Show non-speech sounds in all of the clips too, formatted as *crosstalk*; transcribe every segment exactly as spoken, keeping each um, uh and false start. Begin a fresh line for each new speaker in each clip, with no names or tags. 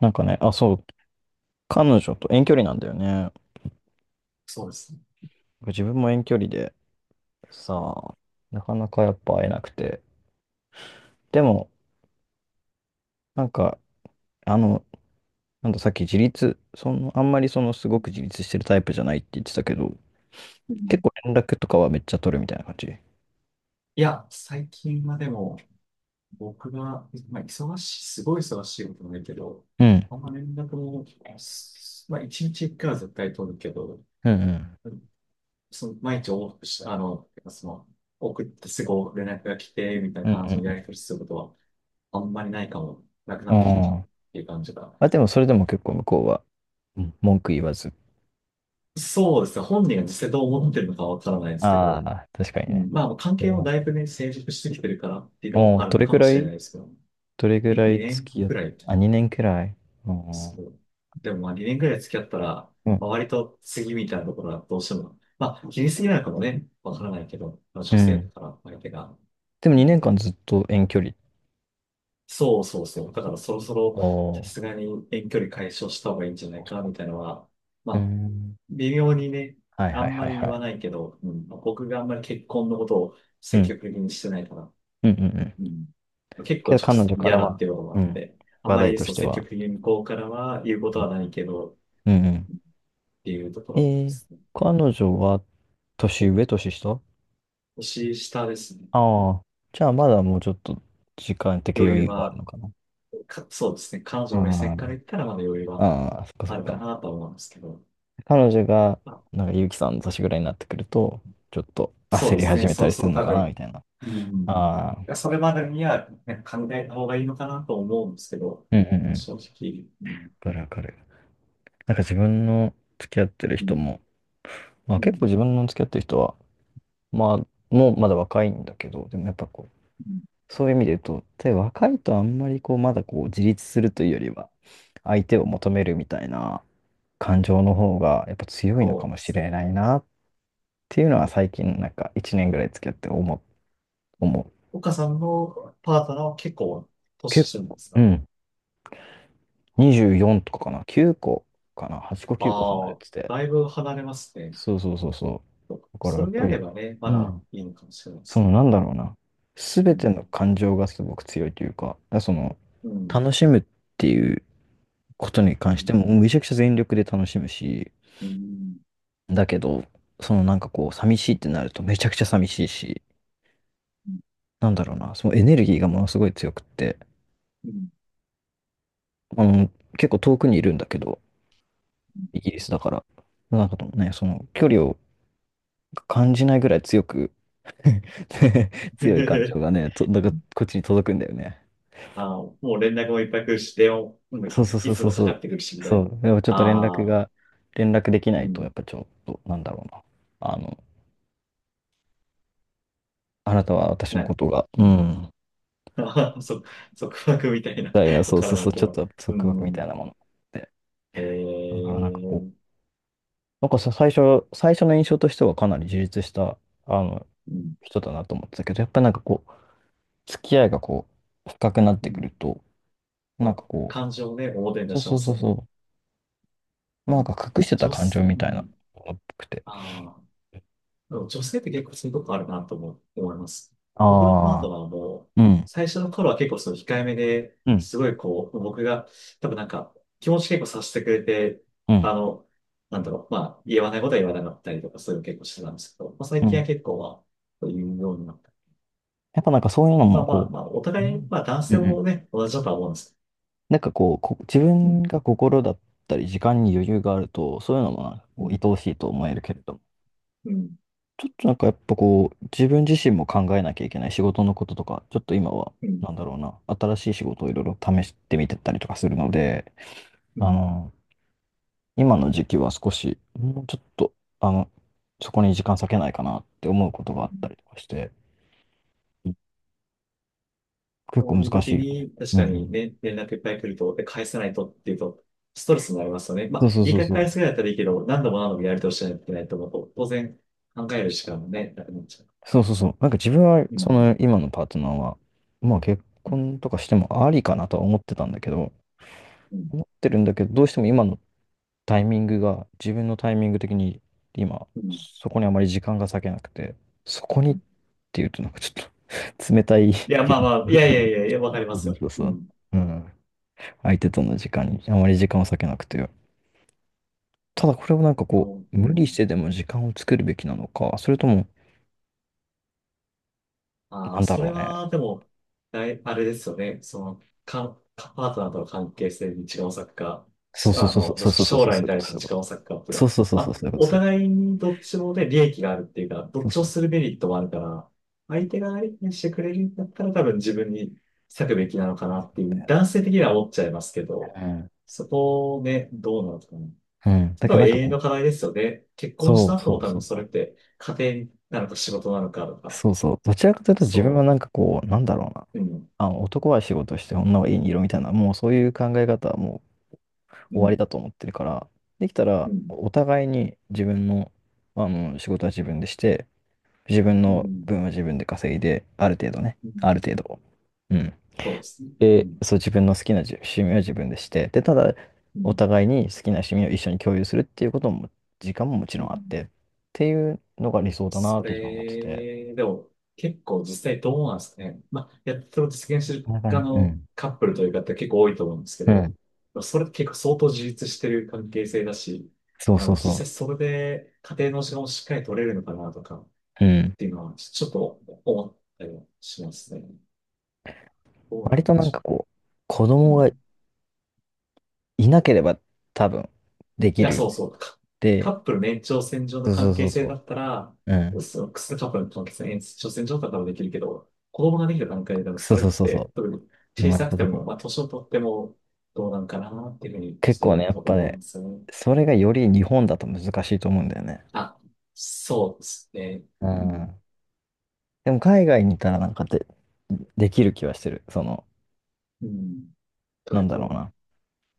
なんかね、あ、そう、彼女と遠距離なんだよね。
そうですね。
自分も遠距離でさ、なかなかやっぱ会えなくて。でも、なんか、あの、なんださっき自立、その、あんまりそのすごく自立してるタイプじゃないって言ってたけど、
う
結
ん、
構連絡とかはめっちゃ取るみたいな感じ。
いや、最近はでも、僕が、まあ、忙しい、すごい忙しいことないけど、
うん。
あんま連絡も、すまあ、一日一回は絶対取るけど、
うんうん。
その、毎日往復して、あの、その、送ってすぐ連絡が来て、みたい
う
な感じのやり
ん
取りすることは、あんまりないかも、なくな
うん
っ
う
てきたか
ん。
もっ
あー
ていう感じが。
あ、でもそれでも結構向こうは、うん文句言わず。
そうですね。本人が実際どう思ってるのかわからないですけ
あ
ど、
あ、確かに
う
ね。
ん、まあ、関
それ
係も
はね
だいぶね、成熟してきてるからっていうの
お
も
ー
ある
ど
の
れ
か
ぐ
も
ら
しれ
い
ないですけど。
どれぐ
に
らい
2
付
年
き合っ
く
て、
らい。
あ、にねんくらい。うん。う
そう。でもまあにねんくらい付き合ったら、周
ん。
りと次みたいなところはどうしても、まあ気にすぎないのかもね、わからないけど、まあ、
う
女性だ
ん
から相手が。
でも
う
2
ん、
年間ずっと遠距離っ
そうそう
て
そ
こ
う。だか
と、あ
らそろそろ
あー、
さ
そ
すがに遠距離解消した方がいいんじゃ
っ
な
か
い
そっ
かみ
か。
たいなのは、ま
うー
あ
ん。
微妙にね、
はい
あ
はい
ん
は
ま
い
り言
は
わな
い。
いけど、うん、まあ、僕があんまり結婚のことを
う
積
ん。
極的にしてないから、
うんうんうん。
うん、結構
けど
直
彼
接
女か
嫌
ら
だっ
は、
ていうこともあ
う
っ
ん。
て、あん
話
ま
題
り
と
そ
し
う
て
積
は。
極的に向こうからは言うこ
う
とは
ん。
ないけどっ
うんう
ていうとこ
ん。
ろで
えー、
すね。
彼女は年
お
上、年下、
年下ですね。
ああ。じゃあまだもうちょっと時間的
余
余
裕
裕はある
は、
のかな。
か、そうですね。彼女の目
あ
線から言ったらまだ余裕
あ、
は
ああ、そっかそ
あ
っ
るか
か。
なとは思うんですけど。
彼女が、
まあ、
なんか、ゆうきさんの年ぐらいになってくると、ちょっと
そう
焦
で
り
す
始
ね。
めた
そう
りす
そ
る
う、
の
多
かな、み
分。
たいな。
うん。
ああ、
それまでには、ね、考えた方がいいのかなと思うんですけど、
うんうんうん。
まあ、
わ
正直、うん、
かるわかる。なんか自分の付き合ってる
う
人
ん、
も、まあ
う
結
ん、
構自分の付き合ってる人は、まあ、もうまだ若いんだけど、でもやっぱこ
うん、
う、そういう意味で言うと、で、若いとあんまりこう、まだこう、自立するというよりは、相手を求めるみたいな感情の方が、やっぱ強いのか
そう
も
で
し
す。
れないなっていうのは最近、なんかいちねんぐらい付き合って思う、思う。
岡さんのパートナーは結構年
結
下なん
構、
です
う
か？
ん、にじゅうよんとかかな、きゅうこかな、はっこきゅうこ離
あ
れ
あ、
てて、
だいぶ離れますね。
そうそうそうそう。だから
そ
やっ
れで
ぱ
あれ
り、
ばね、ま
う
だ
ん。
いいのかもしれないで
そ
す
の
ね。
なんだろうな。す
う
べて
ん。
の感情がすごく強いというか、だからその、
うん。
楽しむっていうことに関
う
して
ん。
も、めちゃくちゃ全力で楽しむし、
うん。
だけど、そのなんかこう、寂しいってなるとめちゃくちゃ寂しいし、
う
なんだろうな、そのエネルギーがものすごい強くって、
ん。うん。
あの、結構遠くにいるんだけど、イギリスだから、なんかともね、その距離を感じないぐらい強く *laughs* 強い感情が
*laughs*
ね、と、なんかこっちに届くんだよね。
ああ、もう連絡もいっぱい来るし、電話もうん、
そうそうそ
い
う
つ
そう
もか
そ
か
う。
ってくるし、みたい
そ
な。
う。でもちょっと連絡
ああ、
が、連絡できな
う
いと、や
ん。
っぱちょっと、なんだろうな。あの、あなたは私の
な、
ことが、
う
う
ん。
ん。
*laughs* ああ、そ、束縛みたいな。
だ、いや
*laughs* わ
そう
か
そ
ら
う
な
そ
い
う、
け
ちょっ
ど。
と
う
束縛みたい
ん。
なもので。
ええ
だからなんかこう、
ー。
なんかさ、最初、最初の印象としてはかなり充実した、あの、
うん。
人だなと思ってたけど、やっぱなんかこう、付き合いがこう、深くなっ
う
てく
ん。
ると、
ま
なん
あ、
かこ
感情をね、表に
う、
出
そう
し
そ
ま
う
す
そう
よね。
そう、
う
なん
ん。
か隠してた
女
感情
性、
み
う
たいな、っ
ん。
ぽくて。
ああ。でも女性って結構そういうとこあるなと思思います。僕のパー
ああ、
トナーも、
うん、
最初の頃は結構その控えめで、
うん、
すごいこう、僕が、多分なんか、気持ち結構させてくれて、
うん。
あの、なんだろう、まあ、言わないことは言わなかったりとか、そういうの結構してたんですけど、まあ、最
う
近は
ん
結構は、そう言うようになった。
やっぱなんかそういうの
ま
も
あまあ
こ
まあ、お
う、う
互い、
ん
まあ男
う
性
んうん、
もね、同じだとは思うんですけ
なんかこう、こ自
ど。うん、
分が心だったり時間に余裕があると、そういうのもなんか
う
こう、
ん、
愛おしいと思えるけれども、
うん、
ちょっとなんかやっぱこう、自分自身も考えなきゃいけない仕事のこととか、ちょっと今は、
うん、
なんだろうな、新しい仕事をいろいろ試してみてたりとかするので、
う
あ
ん。
の、今の時期は少し、もうちょっと、あの、そこに時間割けないかなって思うことが
う
あった
ん、
りとかして、結
そ
構
ういう
難し
時
いよね。
に、確
うんう
かに
ん。
ね、連絡いっぱい来ると、で、返さないとっていうと、ストレスになりますよね。まあ、
そうそう
いい
そう
回
そ
返
う。
すぐらいだったらいいけど、何度も何度もやり通しないといけないと思うと、当然、考える時間もね、なくなっちゃ
そうそうそう。なんか自分は、
う。う
そ
ん。
の今のパートナーは、まあ結
うん。
婚とかしてもありかなとは思ってたんだけど、
うん。
思ってるんだけど、どうしても今のタイミングが、自分のタイミング的に今、
うん、
そこにあまり時間が割けなくて、そこにっていうとなんかちょっと *laughs* 冷たい
いや、
け
まあ
ど、
まあ、いやいやいやいや、わかりま
そ
す
う
よ。
そうそ
う
う。
ん。
うん。相手との時間にあまり時間を割けなくて。ただこれをなんかこ
こう、
う、
う
無理し
ん。
てでも時間を作るべきなのか、それとも、
あ
な
あ、
んだ
そ
ろ
れ
うね。
は、でも、だいあれですよね。その、か、かパートナーとの関係性に時間を割くか、
そう
し
そう
あ
そうそう
の、ど
そ
っ
う
ち
そうそう
将
そう
来
そうい
に
うこ
対
と
し
そ
て
ういう
時
こと。
間を割くかっていう
そう
か、
そうそう
ま
そうそ
あ、
ういうこと
お
そういう
互いにどっちもで利益があるっていうか、
こ
ど
と。そ
っ
う
ち
そ
を
う。
するメリットもあるから、相手が相手にしてくれるんだったら多分自分に割くべきなのかなっていう、男性的には思っちゃいますけど、
うん。
そこをね、どうなのかな。
うん。
そ
だけ
れ
ど
は
なん
永
か
遠
こ
の課
う、
題ですよね。結婚し
そ
た
う
後
そ
も
う
多
そ
分
う
そ
そ
れっ
う。
て家庭なのか仕事なのかとか、
そうそう。どちらかというと自分
そ
はなん
う。
かこう、なんだろうな。
うん、
あの、男は仕事して女は家にいろみたいな、もうそういう考え方はもう終
う
わり
ん、
だと思ってるから、できた
う
ら
ん、
お互いに自分の、あの、仕事は自分でして、自分
う
の
ん、
分は自分で稼いで、ある程度ね。
うん。
ある程度。うん。
そうですね。う
で、
ん、
そう、自分の好きなじゅ趣味は自分でして、で、ただ、
う
お
ん、
互いに好きな趣味を一緒に共有するっていうことも、時間ももち
う
ろ
ん。
んあって、っていうのが理想だな
そ
って自分は思ってて。
れ、でも、結構実際どうなんですかね。まあ、やっと実現してる
なんか
側
ね、う
の
ん。
カップルという方結構多いと思うんですけ
うん。
ど、それって結構相当自立してる関係性だし、
そう
あ
そ
の、
うそ
実際それで家庭の時間をしっかり取れるのかなとかっ
う。うん。
ていうのは、ちょっと思ったりはしますね。どうな
割
ん
と
で
なんか
し
こう、子
ょう。う
供が
ん、
いなければ多分、でき
や、
るよね。
そうそう。カカ
で、
ップルの延長線上の
そうそ
関
うそ
係
う
性だ
そ
ったら、
う。うん。
そのカップルの関係性の延長線上だったらできるけど、子供ができた段階でも
そ
そ
う
れっ
そうそう
て、
そ
特に
う。生
小
まれ
さく
た
て
時に。
も、まあ、年を取ってもどうなんかなっていうふうに、
結
ち
構ね、
ょ
や
っ
っ
と
ぱ
思う
ね、
んですよね。
それがより日本だと難しいと思うんだよね。
あ、そうですね。
う
うん。
ん。でも海外にいたらなんかで、できる気はしてる。その、
うん。と
な
いう
んだろ
と、
うな。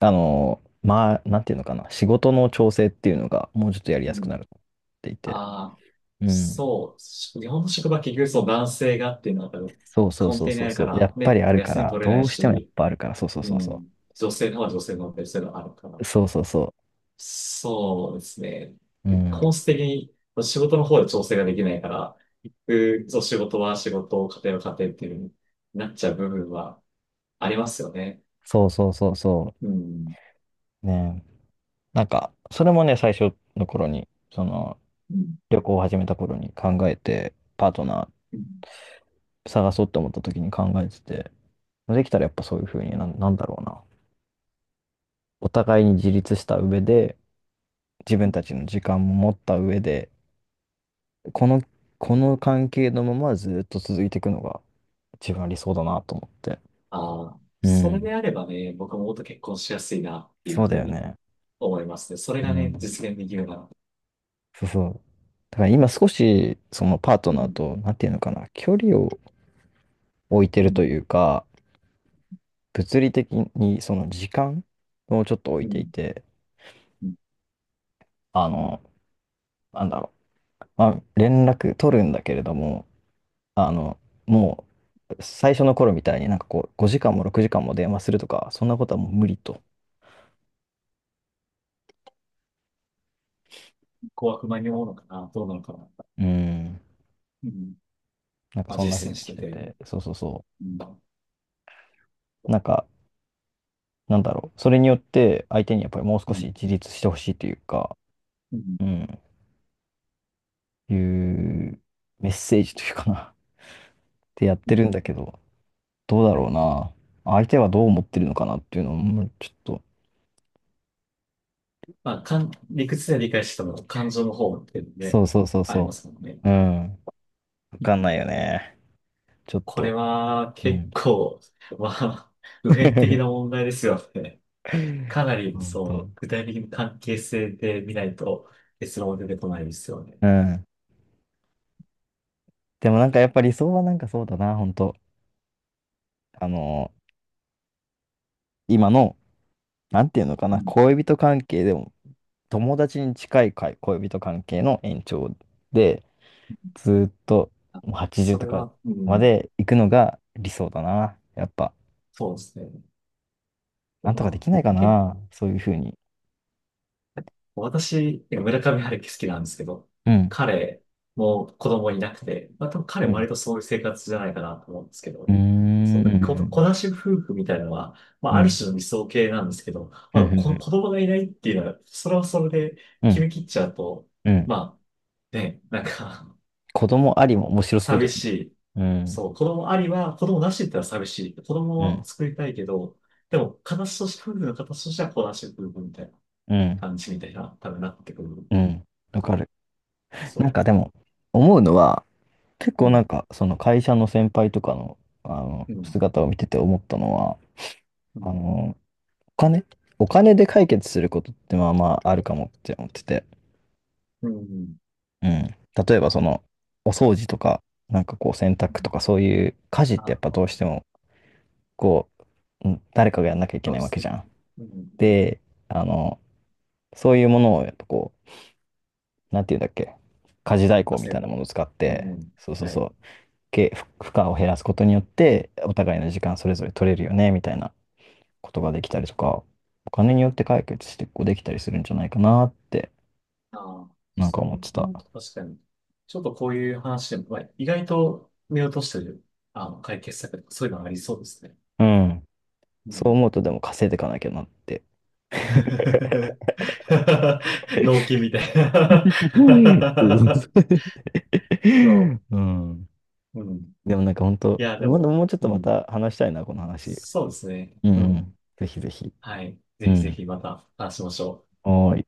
あの、まあ、なんていうのかな。仕事の調整っていうのがもうちょっとやり
う
やすくな
ん。
るっていて。
ああ、
うん。
そう。日本の職場は結局その男性がっていうのが多分
そうそう
根
そう
底に
そ
あ
う
るか
そう。や
ら、
っぱり
ね、や
あ
っぱ
るか
休み
ら、
取れな
ど
い
うしてもやっ
し、
ぱあるから、そうそう
う
そうそ
ん。女性の方は女性のベストがあるから。
う。そうそうそ
そうですね。
う。うん。
本質的に仕事の方で調整ができないから、行く、そう、仕事は仕事、家庭は家庭っていう風になっちゃう部分はありますよね。
そうそうそうそ
うん。
う。ね。なんか、それもね、最初の頃に、その、
うん、
旅行を始めた頃に考えて、パートナ
うん。
ー探そうと思った時に考えてて、できたらやっぱそういうふうにな、なんだろうな。お互いに自立した上で、自分たちの時間も持った上で、この、この関係のままずっと続いていくのが一番理想だなと思って。
ああ、
う
それで
ん。
あればね、僕ももっと結婚しやすいなってい
そ
う
う
ふ
だ
う
よ
に
ね。
思いますね。それ
う
がね、
ん。
実現できるなら。
そうそう。だから今少し、そのパート
う
ナー
ん。
と、なんていうのかな、距離を置いて
う
ると
ん。
いうか、物理的にその時間をちょっと置
う
いてい
ん。
て、
うん、
あの、なんだろう。まあ、連絡取るんだけれども、あの、もう、最初の頃みたいになんかこう、ごじかんもろくじかんも電話するとか、そんなことはもう無理と。
怖く間に思うのかなどうなのかな。
うん。
うん。
なんか
まあ、
そんな風
実践
に
し
し
て
て
て。
て、そうそうそ
うん。
う。なんか、なんだろう。それによって相手にやっぱりもう少
う
し
ん。
自立してほしいというか、
うん、
うん、いうメッセージというかな、ってやってるんだけど、どうだ
は
ろう
い。
な。相手はどう思ってるのかなっていうのも、ちょっと、
まあ、かん、理屈で理解しても感情の方っていうので、
そうそうそう
ありま
そ
すもんね。
う。うん。わ
う
かんな
ん、
いよね。ちょっ
こ
と。
れは
う
結
ん。
構、*laughs* まあ、普遍的な
*laughs*
問題ですよね。かなり、
本当。
そう、具体的な関係性で見ないと結論は出てこないですよね。
うん。でもなんかやっぱ理想はなんかそうだな、本当あのー今の、なんていうのか
う
な、
ん、
恋人関係でも、友達に近いかい恋人関係の延長で、ずーっと
あ、
もうはちじゅう
そ
と
れ
か
は、う
ま
ん、
で行くのが理想だな。やっぱ、
そうですね。
なんとかで
まあ、
きないか
結
な、そういうふうに。
私、村上春樹好きなんですけど、
うん。
彼も子供いなくて、まあ、多分
う
彼割
ん。
とそういう生活じゃないかなと思うんですけ
うー
ど、そう、こ、子
ん。
なし夫婦みたいなのは、まあ、
う
ある
ん。
種の理想形なんですけど、
う
ま
ん。う
あ、こ
ん。
子供がいないっていうのは、それはそれで
う
決
ん。
め切っちゃうと、
うん
まあ、ね、なんか
子供ありも面
*laughs*
白そうだ
寂
よ
し
ね。
い。
うん。
そう、子供ありは、子供なしって言ったら寂しい。子
う
供を
ん。
作りたいけど、でも、形として、夫婦の形としては子なし夫婦みたいな
うん。
感じみたいな、多分なってくる。
うん。わかる。
そ
なんか
う。
でも、思うのは、結
う
構なん
ん、
か、その会社の先輩とかの、あの、
うん、
姿を見てて思ったのは、
う
あ
ん、
の、お金お金で解決することってまあまああるかもって思ってて。
うん。うん、
うん。例えばその、お掃除とか、なんかこう洗濯とかそういう家事ってや
あ、
っぱどうしても、こう、うん誰かがやんなきゃいけ
そう
ない
で
わ
す
け
ね。
じゃん。
うん、うん。
で、あの、そういうものをやっぱこう、なんていうんだっけ、家事代行み
汗
たいなも
も。
のを使っ
う
て、
ん、
そうそう
はい。
そう、け負負荷を減らすことによって、お互いの時間それぞれ取れるよね、みたいな。ことができたりとか、お金によって解決してこうできたりするんじゃないかなって、
ああ、
なん
そ
か思って
う
た。
思うと確かに。ちょっとこういう話でも、まあ、意外と見落としてる、あの、解決策とかそういうのありそうですね。
うん。
う
そう
ん。
思うとでも稼いでいかなきゃなって。
*laughs* 納
*laughs*
期みたい
う
な。 *laughs* そ
ん
う。うん。
でもなんか本
い
当、
や、で
まだ
も、
もうちょっ
う
とま
ん。
た話したいな、この話。
そうですね。
うんう
うん。
ん。ぜひぜひ。
はい。ぜ
う
ひぜ
ん。
ひまた話しましょう。
おーい。